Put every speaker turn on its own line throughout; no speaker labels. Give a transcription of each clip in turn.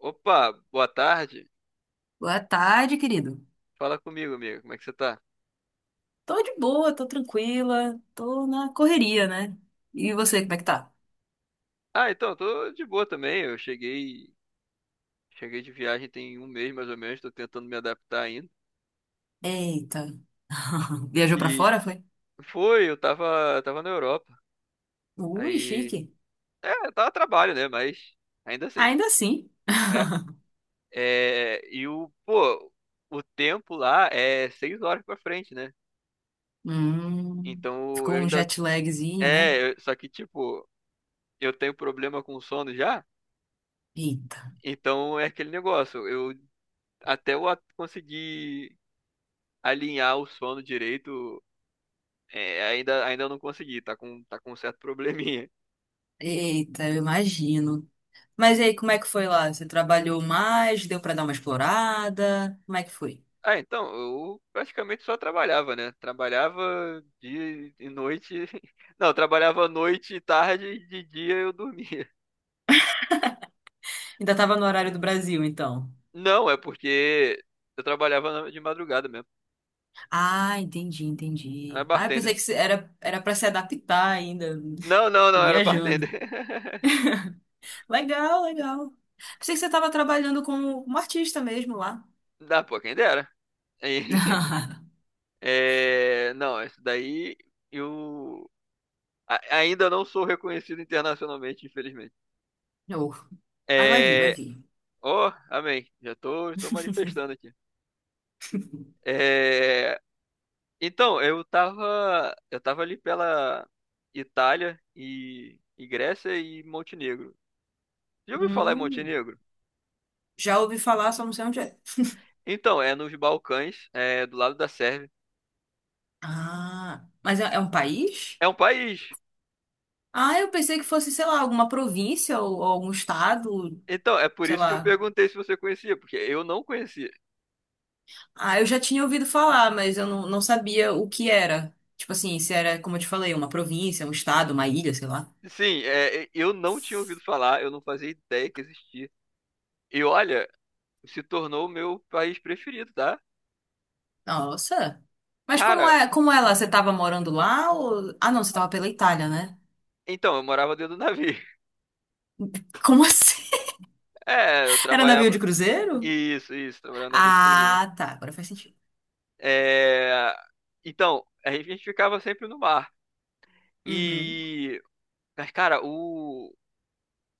Opa, boa tarde.
Boa tarde, querido.
Fala comigo, amigo. Como é que você tá?
Tô de boa, tô tranquila, tô na correria, né? E você, como é que tá?
Ah, então, eu tô de boa também. Eu cheguei de viagem tem um mês mais ou menos, tô tentando me adaptar ainda.
Eita. Viajou pra
Que
fora, foi?
foi, eu tava na Europa.
Ui,
Aí,
chique.
é, tava a trabalho, né? Mas ainda assim,
Ainda assim.
é. É, e pô, o tempo lá é 6 horas pra frente, né?
Hum,
Então
ficou
eu
um
ainda,
jet lagzinho, né?
só que tipo, eu tenho problema com sono já.
Eita.
Então é aquele negócio. Eu até conseguir alinhar o sono direito, ainda não consegui, tá com um certo probleminha.
Eita, eu imagino. Mas e aí, como é que foi lá? Você trabalhou mais? Deu pra dar uma explorada? Como é que foi?
Ah, então, eu praticamente só trabalhava, né? Trabalhava dia e noite. Não, trabalhava noite e tarde e de dia eu dormia.
Ainda tava no horário do Brasil, então.
Não, é porque eu trabalhava de madrugada mesmo.
Ah, entendi,
Era
entendi. Ah, eu pensei
bartender.
que era, era para se adaptar ainda.
Não, não,
Tô
não, era bartender.
viajando. Legal, legal. Pensei que você estava trabalhando como, como artista mesmo lá.
Dá, pô, quem dera. Aí, é, não, isso daí eu. Ainda não sou reconhecido internacionalmente, infelizmente.
Oh. Ah, vai vir, vai
É...
vir.
Oh, amém. Já tô manifestando aqui. É... Então, eu tava ali pela Itália e Grécia e Montenegro. Já ouviu falar em
Hum,
Montenegro?
já ouvi falar, só não sei onde é.
Então, é nos Balcãs, é do lado da Sérvia.
Ah, mas é, é um país?
É um país.
Ah, eu pensei que fosse, sei lá, alguma província ou algum estado,
Então, é por
sei
isso que eu
lá.
perguntei se você conhecia, porque eu não conhecia.
Ah, eu já tinha ouvido falar, mas eu não, não sabia o que era. Tipo assim, se era, como eu te falei, uma província, um estado, uma ilha, sei lá.
Sim, é, eu não tinha ouvido falar, eu não fazia ideia que existia. E olha, se tornou o meu país preferido, tá?
Nossa. Mas
Cara,
como é lá? Você tava morando lá ou... Ah, não, você tava pela Itália, né?
então, eu morava dentro do navio.
Como assim?
É, eu
Era navio de
trabalhava.
cruzeiro?
Isso, trabalhava na de cruzeiro.
Ah, tá. Agora faz sentido.
É, então, a gente ficava sempre no mar.
Uhum.
E, mas, cara, o,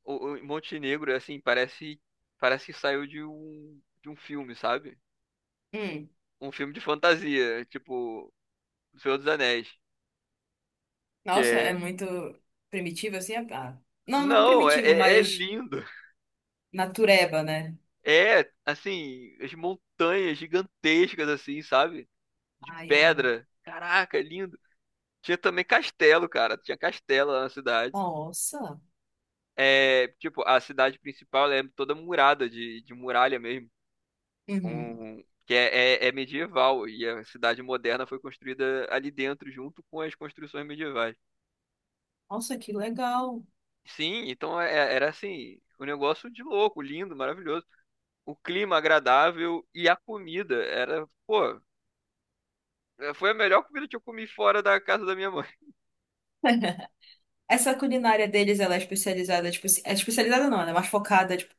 o, o Montenegro, assim, parece que saiu de um filme, sabe?
Hum.
Um filme de fantasia, tipo O Senhor dos Anéis, que
Nossa, é
é.
muito primitivo assim? Ah, não, não
Não, é,
primitivo,
é é
mas
lindo.
natureba, né?
É, assim, as montanhas gigantescas, assim, sabe? De
Ai, amo.
pedra. Caraca, é lindo. Tinha também castelo, cara. Tinha castelo lá na cidade.
Nossa.
É, tipo, a cidade principal ela é toda murada, de muralha mesmo.
Uhum.
Que é medieval. E a cidade moderna foi construída ali dentro, junto com as construções medievais.
Nossa, que legal.
Sim, então era assim, um negócio de louco, lindo, maravilhoso. O clima agradável e a comida pô, foi a melhor comida que eu comi fora da casa da minha mãe.
Essa culinária deles, ela é especializada, tipo, é especializada não, ela é mais focada, tipo,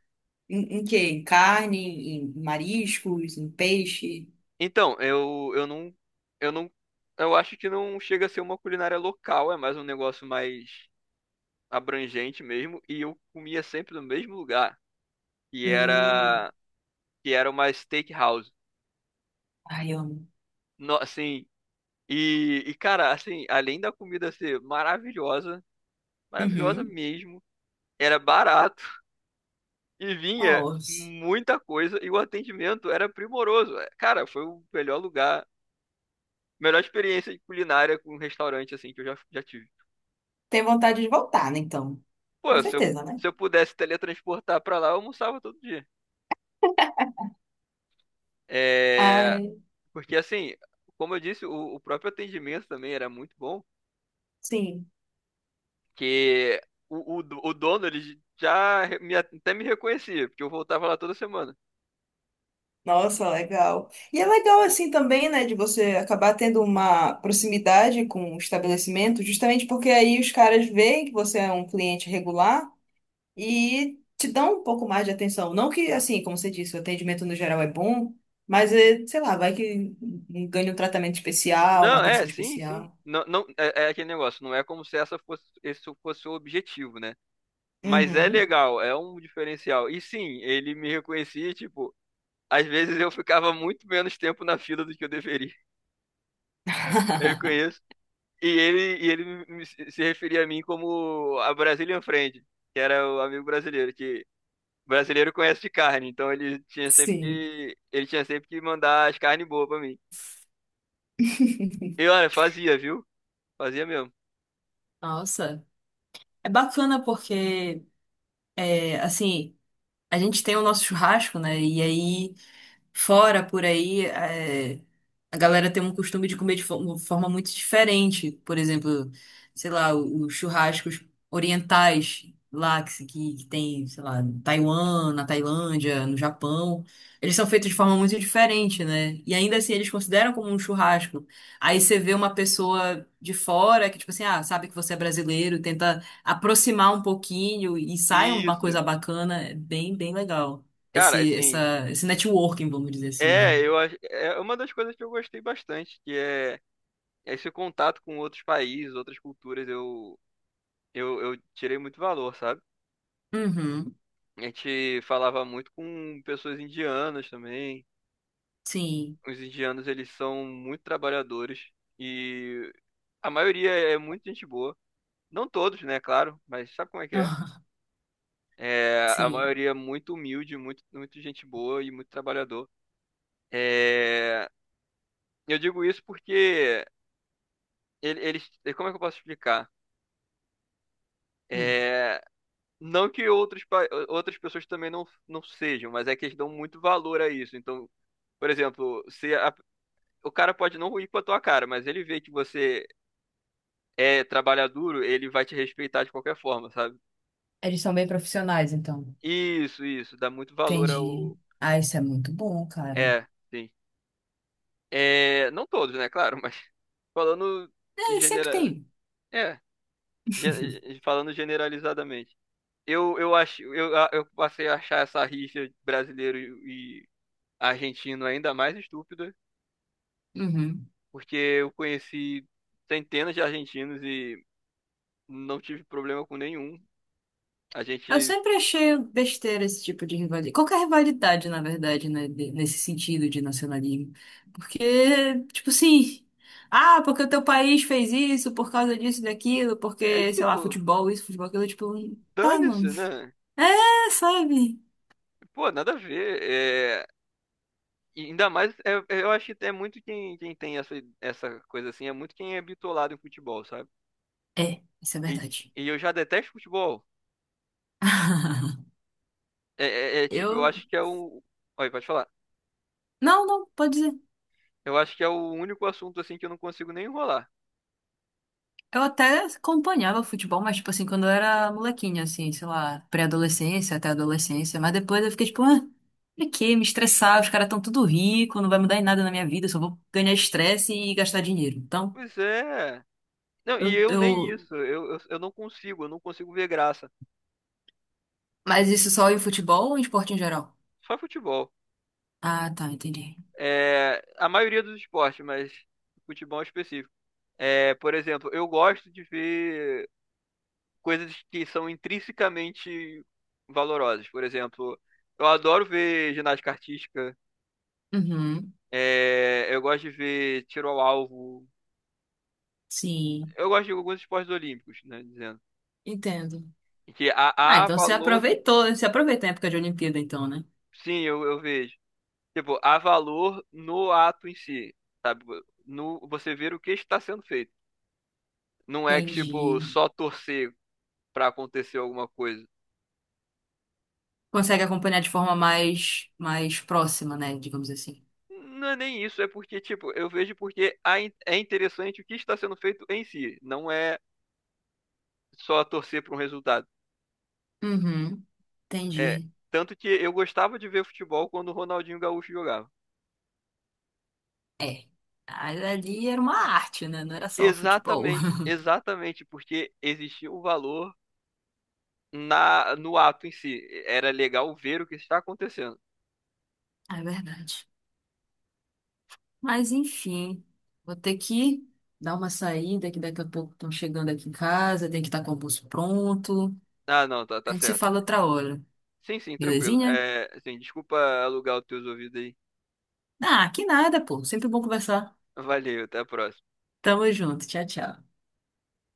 em, em quê? Em carne, em mariscos, em peixe.
Então, eu não, eu acho que não chega a ser uma culinária local, é mais um negócio mais abrangente mesmo. E eu comia sempre no mesmo lugar, que
Hum.
era, que era uma steakhouse.
Ai, eu amo.
No, assim, e cara, assim, além da comida ser maravilhosa, maravilhosa
Uhum.
mesmo, era barato e vinha
Nossa.
muita coisa e o atendimento era primoroso. Cara, foi o melhor lugar, melhor experiência culinária com um restaurante assim que eu já tive.
Tem vontade de voltar, né, então? Com
Pô, se eu,
certeza, né?
se eu pudesse teletransportar pra lá, eu almoçava todo dia. É,
Ai,
porque assim, como eu disse, o próprio atendimento também era muito bom,
sim.
que o dono, ele já até me reconhecia, porque eu voltava lá toda semana.
Nossa, legal. E é legal assim também, né, de você acabar tendo uma proximidade com o estabelecimento, justamente porque aí os caras veem que você é um cliente regular e te dão um pouco mais de atenção. Não que, assim, como você disse, o atendimento no geral é bom, mas, é, sei lá, vai que ganha um tratamento especial, uma
Não, é,
atenção
sim, sim.
especial.
Não, não, é aquele negócio, não é como se esse fosse o objetivo, né? Mas é
Uhum.
legal, é um diferencial. E sim, ele me reconhecia, tipo, às vezes eu ficava muito menos tempo na fila do que eu deveria. Eu conheço. E ele se referia a mim como a Brazilian Friend, que era o amigo brasileiro, que brasileiro conhece de carne, então ele tinha sempre
Sim.
que, mandar as carnes boas pra mim. E olha, fazia, viu? Fazia mesmo.
Nossa, é bacana porque, é, assim, a gente tem o nosso churrasco, né? E aí. Fora, por aí, é, a galera tem um costume de comer de forma muito diferente. Por exemplo, sei lá, os churrascos orientais lá que, que tem, sei lá, em Taiwan, na Tailândia, no Japão. Eles são feitos de forma muito diferente, né? E ainda assim eles consideram como um churrasco. Aí você vê uma pessoa de fora que, tipo assim, ah, sabe que você é brasileiro, tenta aproximar um pouquinho e sai uma
Isso.
coisa bacana. É bem, bem legal
Cara, assim,
esse networking, vamos dizer assim, né?
é, eu acho, é uma das coisas que eu gostei bastante, que é esse contato com outros países, outras culturas, eu tirei muito valor, sabe?
Uhum,
A gente falava muito com pessoas indianas também.
sim.
Os indianos, eles são muito trabalhadores e a maioria é muito gente boa. Não todos, né, claro, mas sabe como é que é?
Ah,
É, a
sim.
maioria é muito humilde, muito, muito gente boa e muito trabalhador. É, eu digo isso porque eles, como é que eu posso explicar?
Hum.
É, não que outras pessoas também não sejam, mas é que eles dão muito valor a isso. Então, por exemplo, se o cara pode não ir com a tua cara, mas ele vê que você é trabalhar duro, ele vai te respeitar de qualquer forma, sabe?
Eles são bem profissionais, então.
Isso, dá muito valor
Entendi.
ao.
Ah, isso é muito bom, cara.
É, sim. É, não todos, né, claro, mas falando em
É, sempre
genera...
tem.
é, falando generalizadamente. Eu acho, eu passei a achar essa rixa brasileiro e argentino ainda mais estúpida,
Uhum.
porque eu conheci centenas de argentinos e não tive problema com nenhum. A
Eu
gente
sempre achei besteira esse tipo de rivalidade. Qualquer rivalidade, na verdade, né? Nesse sentido de nacionalismo. Porque, tipo assim. Ah, porque o teu país fez isso, por causa disso, e daquilo,
é
porque, sei lá,
tipo,
futebol, isso, futebol, aquilo, tipo, tá, mano.
dane-se, né?
É, sabe?
Pô, nada a ver. E ainda mais, eu acho que é muito quem tem essa coisa assim, é muito quem é bitolado em futebol, sabe?
É, isso é
E,
verdade.
e eu já detesto futebol. É, é tipo, eu
Eu.
acho que é o. Olha, pode falar.
Não, não, pode dizer.
Eu acho que é o único assunto assim que eu não consigo nem enrolar.
Eu até acompanhava futebol, mas, tipo assim, quando eu era molequinha, assim, sei lá, pré-adolescência até adolescência. Mas depois eu fiquei tipo, ah, pra quê? Me estressar, os caras tão tudo rico, não vai mudar em nada na minha vida, eu só vou ganhar estresse e gastar dinheiro. Então,
Pois é. Não, e
eu,
eu nem
eu.
isso. Eu não consigo, eu não consigo, ver graça.
Mas isso só em futebol ou em esporte em geral?
Só futebol.
Ah, tá, entendi.
É, a maioria dos esportes, mas futebol específico. É, por exemplo, eu gosto de ver coisas que são intrinsecamente valorosas. Por exemplo, eu adoro ver ginástica artística,
Uhum,
eu gosto de ver tiro ao alvo,
sim,
eu gosto de alguns esportes olímpicos, né, dizendo.
entendo.
Que há,
Ah,
há
então você
valor,
aproveitou, você aproveita a época de Olimpíada, então, né?
sim, eu vejo. Tipo, há valor no ato em si, sabe? No, você ver o que está sendo feito. Não é que, tipo,
Entendi.
só torcer para acontecer alguma coisa.
Consegue acompanhar de forma mais, mais próxima, né? Digamos assim.
Não é nem isso, é porque, tipo, eu vejo porque é interessante o que está sendo feito em si. Não é só torcer para um resultado.
Uhum,
É,
entendi.
tanto que eu gostava de ver futebol quando o Ronaldinho Gaúcho jogava.
É. Mas ali era uma arte, né? Não era só o futebol.
Exatamente, exatamente, porque existia o valor na no ato em si. Era legal ver o que está acontecendo.
É verdade. Mas enfim, vou ter que dar uma saída, que daqui a pouco estão chegando aqui em casa, tem que estar com o almoço pronto.
Ah, não, tá,
A
tá
gente se
certo.
fala outra hora,
Sim, sim, tranquilo.
belezinha?
É, sim, desculpa alugar os teus ouvidos aí.
Ah, que nada, pô. Sempre bom conversar.
Valeu, até a próxima.
Tamo junto. Tchau, tchau.